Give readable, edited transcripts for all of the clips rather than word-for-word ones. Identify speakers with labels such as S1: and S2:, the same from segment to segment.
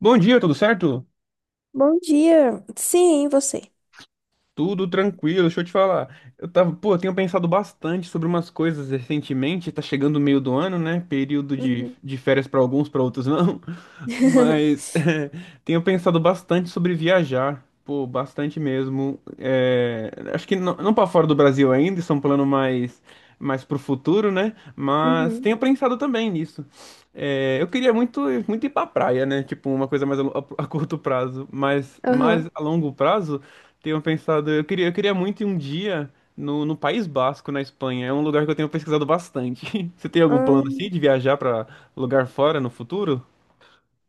S1: Bom dia, tudo certo?
S2: Bom dia. Sim, e você.
S1: Tudo tranquilo, deixa eu te falar. Eu tava, pô, eu tenho pensado bastante sobre umas coisas recentemente, tá chegando o meio do ano, né? Período de,
S2: Uhum.
S1: de férias pra alguns, pra outros não. Mas é, tenho pensado bastante sobre viajar, pô, bastante mesmo. É, acho que não para fora do Brasil ainda, isso é um plano mais pro futuro, né? Mas
S2: Uhum.
S1: tenho pensado também nisso. É, eu queria muito ir pra praia, né? Tipo, uma coisa mais a curto prazo, mas mais
S2: Aham.
S1: a longo prazo tenho pensado, eu queria muito ir um dia no País Basco, na Espanha. É um lugar que eu tenho pesquisado bastante. Você tem algum plano assim
S2: Hum,
S1: de viajar pra lugar fora no futuro?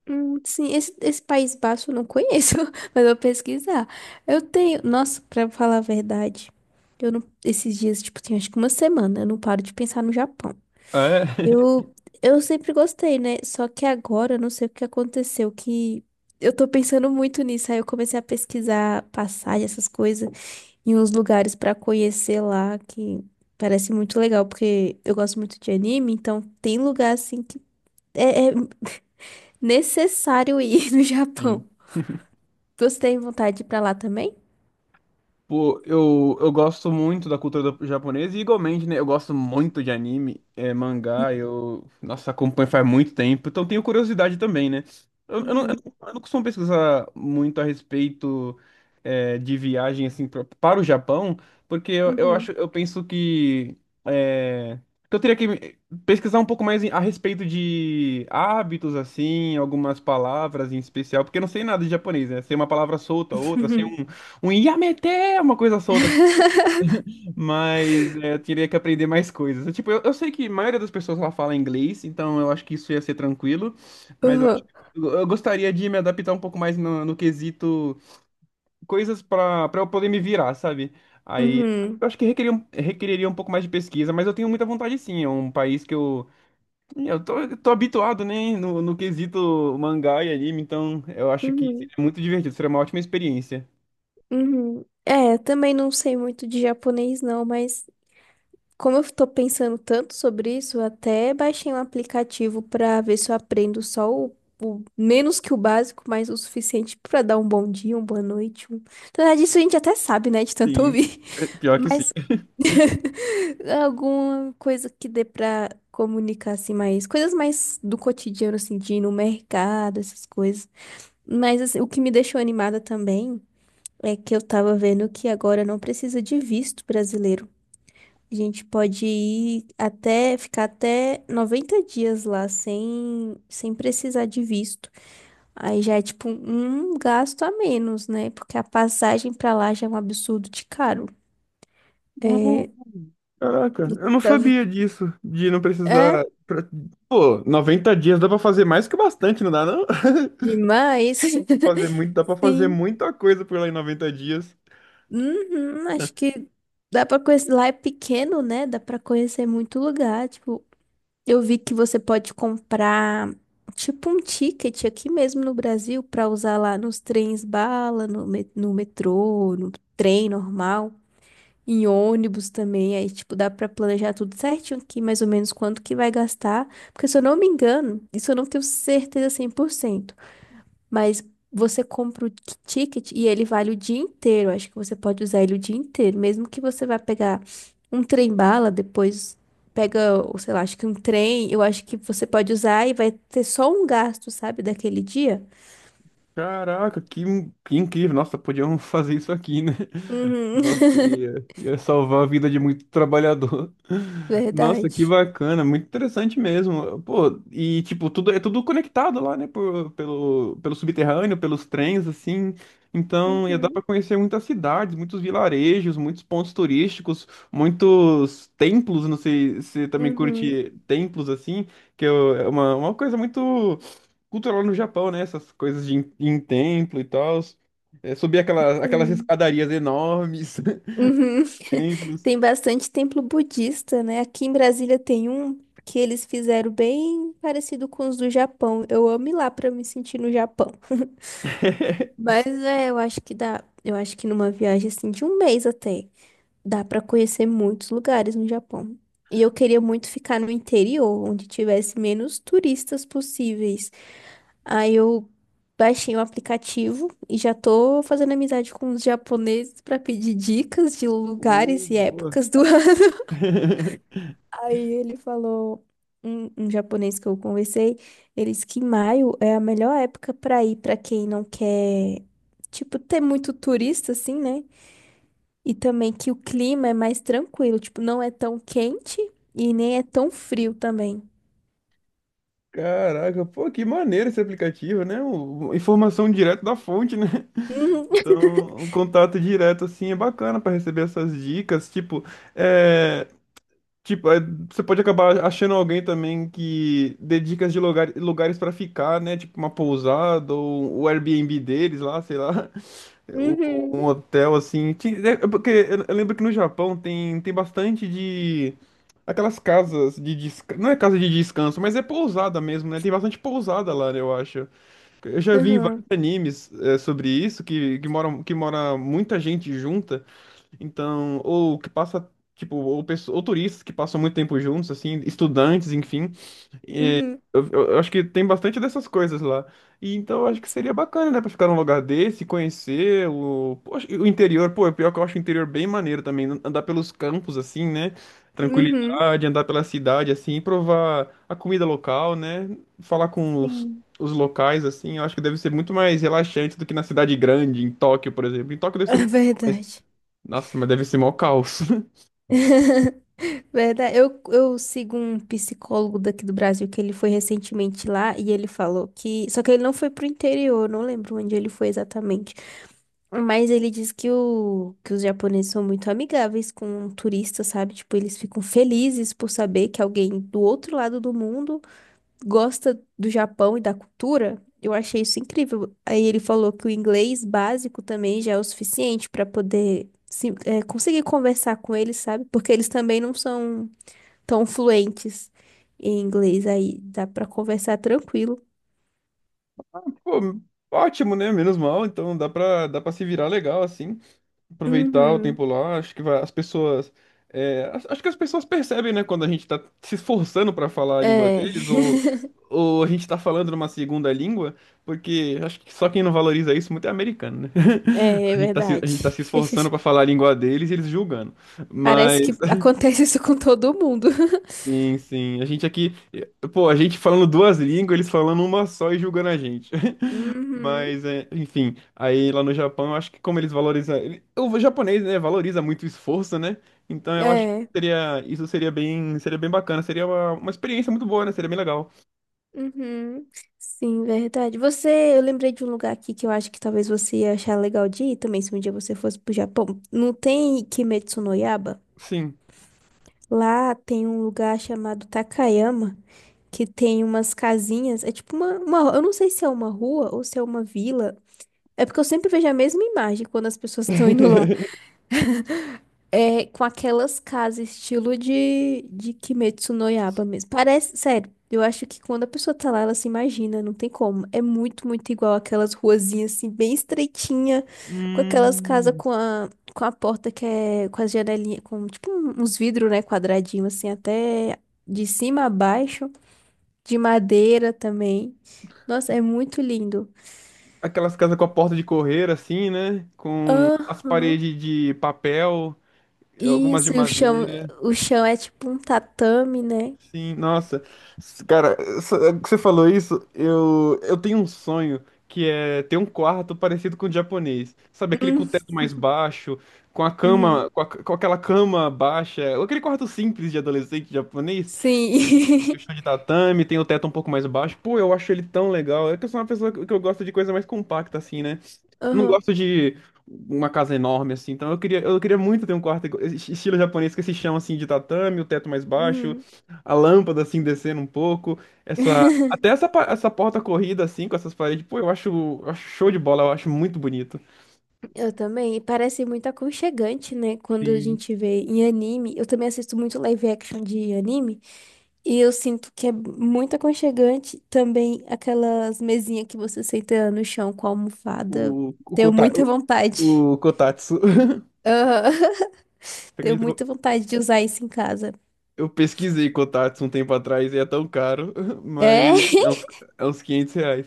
S2: sim, esse País Baixo eu não conheço, mas eu vou pesquisar. Eu tenho. Nossa, pra falar a verdade, eu não. Esses dias, tipo, tem acho que uma semana, eu não paro de pensar no Japão.
S1: É.
S2: Eu, eu sempre gostei, né? Só que agora, eu não sei o que aconteceu, que eu tô pensando muito nisso. Aí eu comecei a pesquisar passagem, essas coisas. E uns lugares pra conhecer lá que parece muito legal, porque eu gosto muito de anime, então tem lugar assim que é necessário ir no
S1: Sim.
S2: Japão. Você tem vontade de ir pra lá também?
S1: Pô, eu gosto muito da cultura japonesa e igualmente, né? Eu gosto muito de anime, é, mangá, eu, nossa, acompanho faz muito tempo, então tenho curiosidade também, né? Eu, eu não, eu
S2: Uhum,
S1: não eu não costumo pesquisar muito a respeito, é, de viagem, assim, para o Japão, porque eu
S2: uhum,
S1: acho, eu penso que, é, que eu teria que pesquisar um pouco mais a respeito de hábitos, assim, algumas palavras em especial, porque eu não sei nada de japonês, né? Sei uma palavra solta, outra, sei
S2: uhum.
S1: um Yamete, uma coisa solta, assim. Mas é, eu teria que aprender mais coisas. Tipo, eu sei que a maioria das pessoas lá fala inglês, então eu acho que isso ia ser tranquilo, mas eu acho
S2: Uhum,
S1: que eu gostaria de me adaptar um pouco mais no quesito coisas pra para eu poder me virar, sabe? Aí eu acho que requeriria um pouco mais de pesquisa, mas eu tenho muita vontade sim. É um país que eu, eu tô habituado, né, no quesito mangá e anime, então eu acho
S2: uhum,
S1: que
S2: uhum,
S1: seria muito divertido, seria uma ótima experiência.
S2: uhum. É, também não sei muito de japonês, não, mas. Como eu tô pensando tanto sobre isso, eu até baixei um aplicativo pra ver se eu aprendo só menos que o básico, mas o suficiente pra dar um bom dia, uma boa noite. Um... Na verdade, isso a gente até sabe, né, de tanto
S1: Sim,
S2: ouvir.
S1: é, pior que sim.
S2: Mas alguma coisa que dê pra comunicar assim mais, coisas mais do cotidiano assim, de ir no mercado, essas coisas. Mas assim, o que me deixou animada também é que eu tava vendo que agora não precisa de visto brasileiro. A gente pode ir até, ficar até 90 dias lá sem, sem precisar de visto. Aí já é tipo um gasto a menos, né? Porque a passagem pra lá já é um absurdo de caro. É,
S1: Caraca,
S2: e
S1: eu não
S2: tava-
S1: sabia disso, de não
S2: É
S1: precisar. Pô, 90 dias dá pra fazer mais que bastante, não dá não?
S2: demais.
S1: Pra fazer muito, dá pra fazer
S2: Sim.
S1: muita coisa por lá em 90 dias.
S2: Uhum, acho que dá pra conhecer. Lá é pequeno, né? Dá pra conhecer muito lugar. Tipo, eu vi que você pode comprar tipo um ticket aqui mesmo no Brasil para usar lá nos trens bala, no metrô, no trem normal, em ônibus também. Aí, tipo, dá para planejar tudo certinho aqui, mais ou menos quanto que vai gastar. Porque se eu não me engano, isso eu não tenho certeza 100%. Mas você compra o ticket e ele vale o dia inteiro. Acho que você pode usar ele o dia inteiro. Mesmo que você vá pegar um trem-bala, depois pega, ou sei lá, acho que um trem, eu acho que você pode usar e vai ter só um gasto, sabe, daquele dia.
S1: Caraca, que, que incrível. Nossa, podiam fazer isso aqui, né?
S2: Uhum.
S1: Nossa, ia salvar a vida de muito trabalhador. Nossa, que
S2: Verdade.
S1: bacana, muito interessante mesmo. Pô, e tipo, tudo é tudo conectado lá, né? Pelo subterrâneo, pelos trens, assim. Então ia dar
S2: Uhum.
S1: pra conhecer muitas cidades, muitos vilarejos, muitos pontos turísticos, muitos templos. Não sei se você também
S2: Uhum.
S1: curte templos, assim, que é uma coisa muito culto lá no Japão, né? Essas coisas de em templo e tal. É, subir aquelas
S2: Sim.
S1: escadarias enormes,
S2: Uhum.
S1: templos.
S2: Tem bastante templo budista, né? Aqui em Brasília tem um que eles fizeram bem parecido com os do Japão. Eu amo ir lá para me sentir no Japão. Mas é, eu acho que dá. Eu acho que numa viagem assim de um mês até, dá pra conhecer muitos lugares no Japão. E eu queria muito ficar no interior, onde tivesse menos turistas possíveis. Aí eu baixei o aplicativo e já tô fazendo amizade com os japoneses pra pedir dicas de
S1: Oh,
S2: lugares e
S1: boa.
S2: épocas do Aí ele falou, um japonês que eu conversei, ele disse que maio é a melhor época para ir para quem não quer, tipo, ter muito turista, assim, né? E também que o clima é mais tranquilo, tipo, não é tão quente e nem é tão frio também.
S1: Caraca, pô, que maneiro esse aplicativo, né? Informação direto da fonte, né?
S2: Uhum,
S1: Então, um contato direto, assim, é bacana para receber essas dicas. É, tipo, é, você pode acabar achando alguém também que dê dicas de lugar, lugares para ficar, né? Tipo, uma pousada ou o Airbnb deles lá, sei lá. Um hotel assim. É é porque eu lembro que no Japão tem, tem bastante de. Aquelas casas de descanso. Não é casa de descanso, mas é pousada mesmo, né? Tem bastante pousada lá, né, eu acho. Eu já
S2: uhum,
S1: vi em vários
S2: uhum,
S1: animes é, sobre isso, que, que mora muita gente junta. Então, ou que passa, tipo, ou, ou turistas que passam muito tempo juntos, assim, estudantes, enfim.
S2: uhum,
S1: Eu acho que tem bastante dessas coisas lá. E então eu acho que seria
S2: sim,
S1: bacana, né, pra ficar num lugar desse, conhecer o, poxa, e o interior. Pô, é pior que eu acho o interior bem maneiro também. Andar pelos campos, assim, né?
S2: uhum,
S1: Tranquilidade, andar pela cidade, assim, provar a comida local, né? Falar com
S2: sim.
S1: os locais, assim. Eu acho que deve ser muito mais relaxante do que na cidade grande, em Tóquio, por exemplo. Em Tóquio deve ser.
S2: É verdade.
S1: Nossa, mas deve ser mó caos.
S2: Verdade. Eu sigo um psicólogo daqui do Brasil que ele foi recentemente lá e ele falou que. Só que ele não foi pro interior, não lembro onde ele foi exatamente. Mas ele diz que, o, que os japoneses são muito amigáveis com turistas, sabe? Tipo, eles ficam felizes por saber que alguém do outro lado do mundo gosta do Japão e da cultura, eu achei isso incrível. Aí ele falou que o inglês básico também já é o suficiente para poder é, conseguir conversar com eles, sabe? Porque eles também não são tão fluentes em inglês, aí dá para conversar tranquilo.
S1: Pô, ótimo, né? Menos mal. Então dá pra se virar legal, assim. Aproveitar o
S2: Uhum.
S1: tempo lá. Acho que as pessoas. É, acho que as pessoas percebem, né, quando a gente tá se esforçando para falar a língua
S2: É,
S1: deles, ou a gente tá falando numa segunda língua, porque acho que só quem não valoriza isso muito é americano, né?
S2: é
S1: A gente tá se, a
S2: verdade.
S1: gente tá se esforçando para falar a língua deles e eles julgando.
S2: Parece
S1: Mas.
S2: que acontece isso com todo mundo.
S1: Sim, sim. A gente aqui, eh, pô, a gente falando duas línguas, eles falando uma só e julgando a gente.
S2: Uhum.
S1: Mas, é, enfim, aí lá no Japão, eu acho que como eles valorizam, o japonês, né, valoriza muito o esforço, né? Então eu acho que
S2: É.
S1: seria, isso seria bem bacana, seria uma experiência muito boa, né? Seria bem legal.
S2: Uhum. Sim, verdade. Você, eu lembrei de um lugar aqui que eu acho que talvez você ia achar legal de ir também, se um dia você fosse pro Japão. Não tem Kimetsu no Yaiba?
S1: Sim.
S2: Lá tem um lugar chamado Takayama, que tem umas casinhas, é tipo eu não sei se é uma rua ou se é uma vila. É porque eu sempre vejo a mesma imagem quando as pessoas estão indo lá. É com aquelas casas estilo de Kimetsu no Yaiba mesmo. Parece, sério, eu acho que quando a pessoa tá lá, ela se imagina, não tem como. É muito, muito igual aquelas ruazinhas assim, bem estreitinha, com aquelas casas com a porta que é com as janelinhas, com tipo uns vidros, né, quadradinho assim, até de cima a baixo, de madeira também. Nossa, é muito lindo.
S1: Aquelas casas com a porta de correr, assim, né? Com as
S2: Aham.
S1: paredes de papel, algumas de
S2: Isso, e
S1: madeira.
S2: o chão é tipo um tatame, né?
S1: Sim, nossa. Cara, que você falou isso, eu tenho um sonho que é ter um quarto parecido com o japonês. Sabe, aquele com o
S2: Hum,
S1: teto mais baixo, com a cama,
S2: uhum.
S1: com aquela cama baixa, aquele quarto simples de adolescente japonês, que tem
S2: Sim.
S1: o chão de tatame, tem o teto um pouco mais baixo. Pô, eu acho ele tão legal. É que eu sou uma pessoa que eu gosto de coisa mais compacta, assim, né? Não
S2: Aham.
S1: gosto de uma casa enorme assim, então eu queria muito ter um quarto estilo japonês com esse chão assim de tatame, o teto mais baixo,
S2: Uhum.
S1: a lâmpada assim descendo um pouco, essa porta corrida assim com essas paredes, pô, eu acho show de bola, eu acho muito bonito.
S2: Eu também. E parece muito aconchegante, né? Quando a
S1: Sim.
S2: gente vê em anime. Eu também assisto muito live action de anime. E eu sinto que é muito aconchegante. Também aquelas mesinhas que você senta no chão com a almofada.
S1: O o,
S2: Tenho
S1: kota,
S2: muita vontade.
S1: o Kotatsu.
S2: Aham.
S1: Você
S2: Tenho
S1: acredita que
S2: muita
S1: eu
S2: vontade de usar isso em casa.
S1: eu pesquisei Kotatsu um tempo atrás e é tão caro, mas
S2: É?
S1: é uns 500 reais.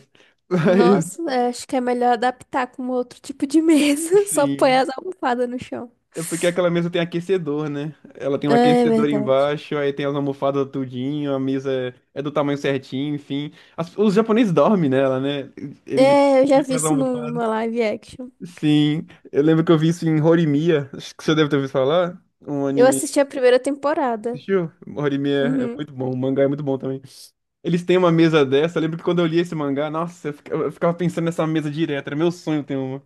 S2: Nossa, é, acho que é melhor adaptar com outro tipo de
S1: Mas
S2: mesa. Só põe
S1: sim,
S2: as almofadas no chão.
S1: é porque aquela mesa tem aquecedor, né? Ela tem um
S2: Ah, é
S1: aquecedor
S2: verdade.
S1: embaixo, aí tem as almofadas tudinho, a mesa é, é do tamanho certinho, enfim. Os japoneses dormem nela, né? Ele
S2: É, eu já
S1: ele
S2: vi
S1: faz a
S2: isso
S1: almofada.
S2: numa live action.
S1: Sim, eu lembro que eu vi isso em Horimiya, acho que você deve ter ouvido falar, um
S2: Eu
S1: anime.
S2: assisti a primeira temporada.
S1: Assistiu? Horimiya é
S2: Uhum.
S1: muito bom, o mangá é muito bom também. Eles têm uma mesa dessa, eu lembro que quando eu li esse mangá, nossa, eu ficava pensando nessa mesa direto, era meu sonho ter uma.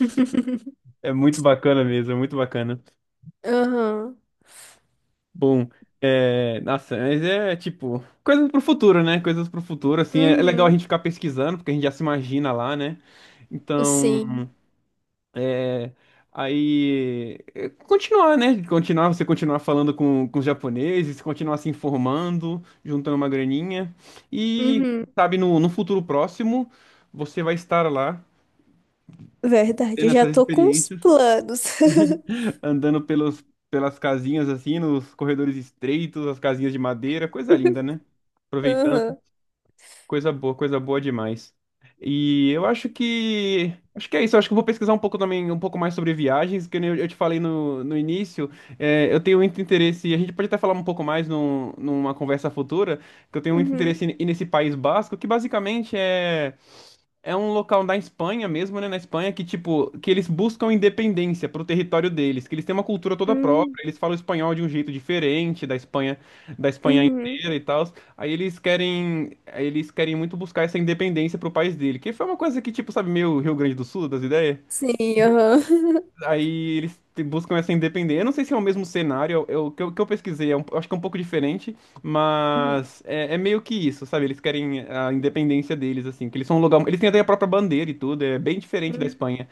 S1: É muito bacana mesmo, é muito bacana.
S2: Aham.
S1: Bom, é, nossa, mas é tipo, coisas pro futuro, né? Coisas pro futuro, assim, é é legal a
S2: Uhum.
S1: gente ficar pesquisando, porque a gente já se imagina lá, né? Então,
S2: Sim.
S1: é, aí, é, continuar, né? Continuar, você continuar falando com os japoneses, continuar se informando, juntando uma graninha, e,
S2: Uhum.
S1: sabe, no futuro próximo, você vai estar lá,
S2: Verdade,
S1: tendo
S2: eu já
S1: essas
S2: tô com os
S1: experiências,
S2: planos.
S1: andando pelos, pelas casinhas, assim, nos corredores estreitos, as casinhas de madeira, coisa linda, né? Aproveitando
S2: Aham.
S1: coisa boa, coisa boa demais. E eu acho que. Acho que é isso. Eu acho que eu vou pesquisar um pouco também, um pouco mais sobre viagens, que nem eu te falei no início. É, eu tenho muito interesse, e a gente pode até falar um pouco mais numa conversa futura, que eu tenho muito
S2: Uhum.
S1: interesse em, em nesse País Basco, que basicamente é. É um local da Espanha mesmo, né? Na Espanha que, tipo, que eles buscam independência pro território deles, que eles têm uma cultura toda
S2: Uhum.
S1: própria, eles falam espanhol de um jeito diferente da Espanha
S2: Uhum.
S1: inteira e tal. Aí eles querem muito buscar essa independência pro país dele, que foi uma coisa que, tipo, sabe, meio Rio Grande do Sul, das ideias?
S2: Sim, aham.
S1: Aí eles buscam essa independência. Eu não sei se é o mesmo cenário, que eu pesquisei, é eu acho que é um pouco diferente,
S2: Uhum.
S1: mas é, é meio que isso, sabe? Eles querem a independência deles, assim, que eles são um lugar. Eles têm até a própria bandeira e tudo, é bem diferente da
S2: Uhum.
S1: Espanha.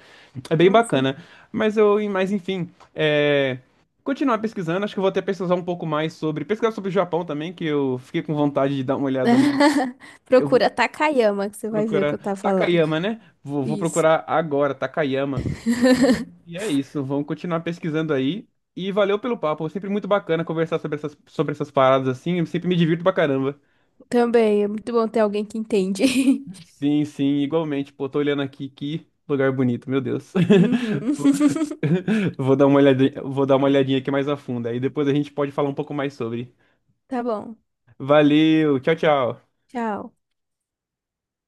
S1: É bem
S2: Nossa, sim.
S1: bacana. Mas eu, mas enfim, é, continuar pesquisando, acho que eu vou até pesquisar um pouco mais sobre. Pesquisar sobre o Japão também, que eu fiquei com vontade de dar uma olhada no. Eu vou
S2: Procura Takayama, que você vai ver o que eu
S1: procurar
S2: tava falando.
S1: Takayama, né? Vou
S2: Isso.
S1: procurar agora, Takayama. E e é isso, vamos continuar pesquisando aí. E valeu pelo papo, sempre muito bacana conversar sobre essas paradas assim, eu sempre me divirto pra caramba.
S2: Também é muito bom ter alguém que entende.
S1: Sim, sim, igualmente. Pô, tô olhando aqui, que lugar bonito, meu Deus.
S2: Uhum.
S1: Vou vou dar uma olhadinha, vou dar uma olhadinha aqui mais a fundo, aí depois a gente pode falar um pouco mais sobre.
S2: Tá bom.
S1: Valeu, tchau, tchau.
S2: Tchau.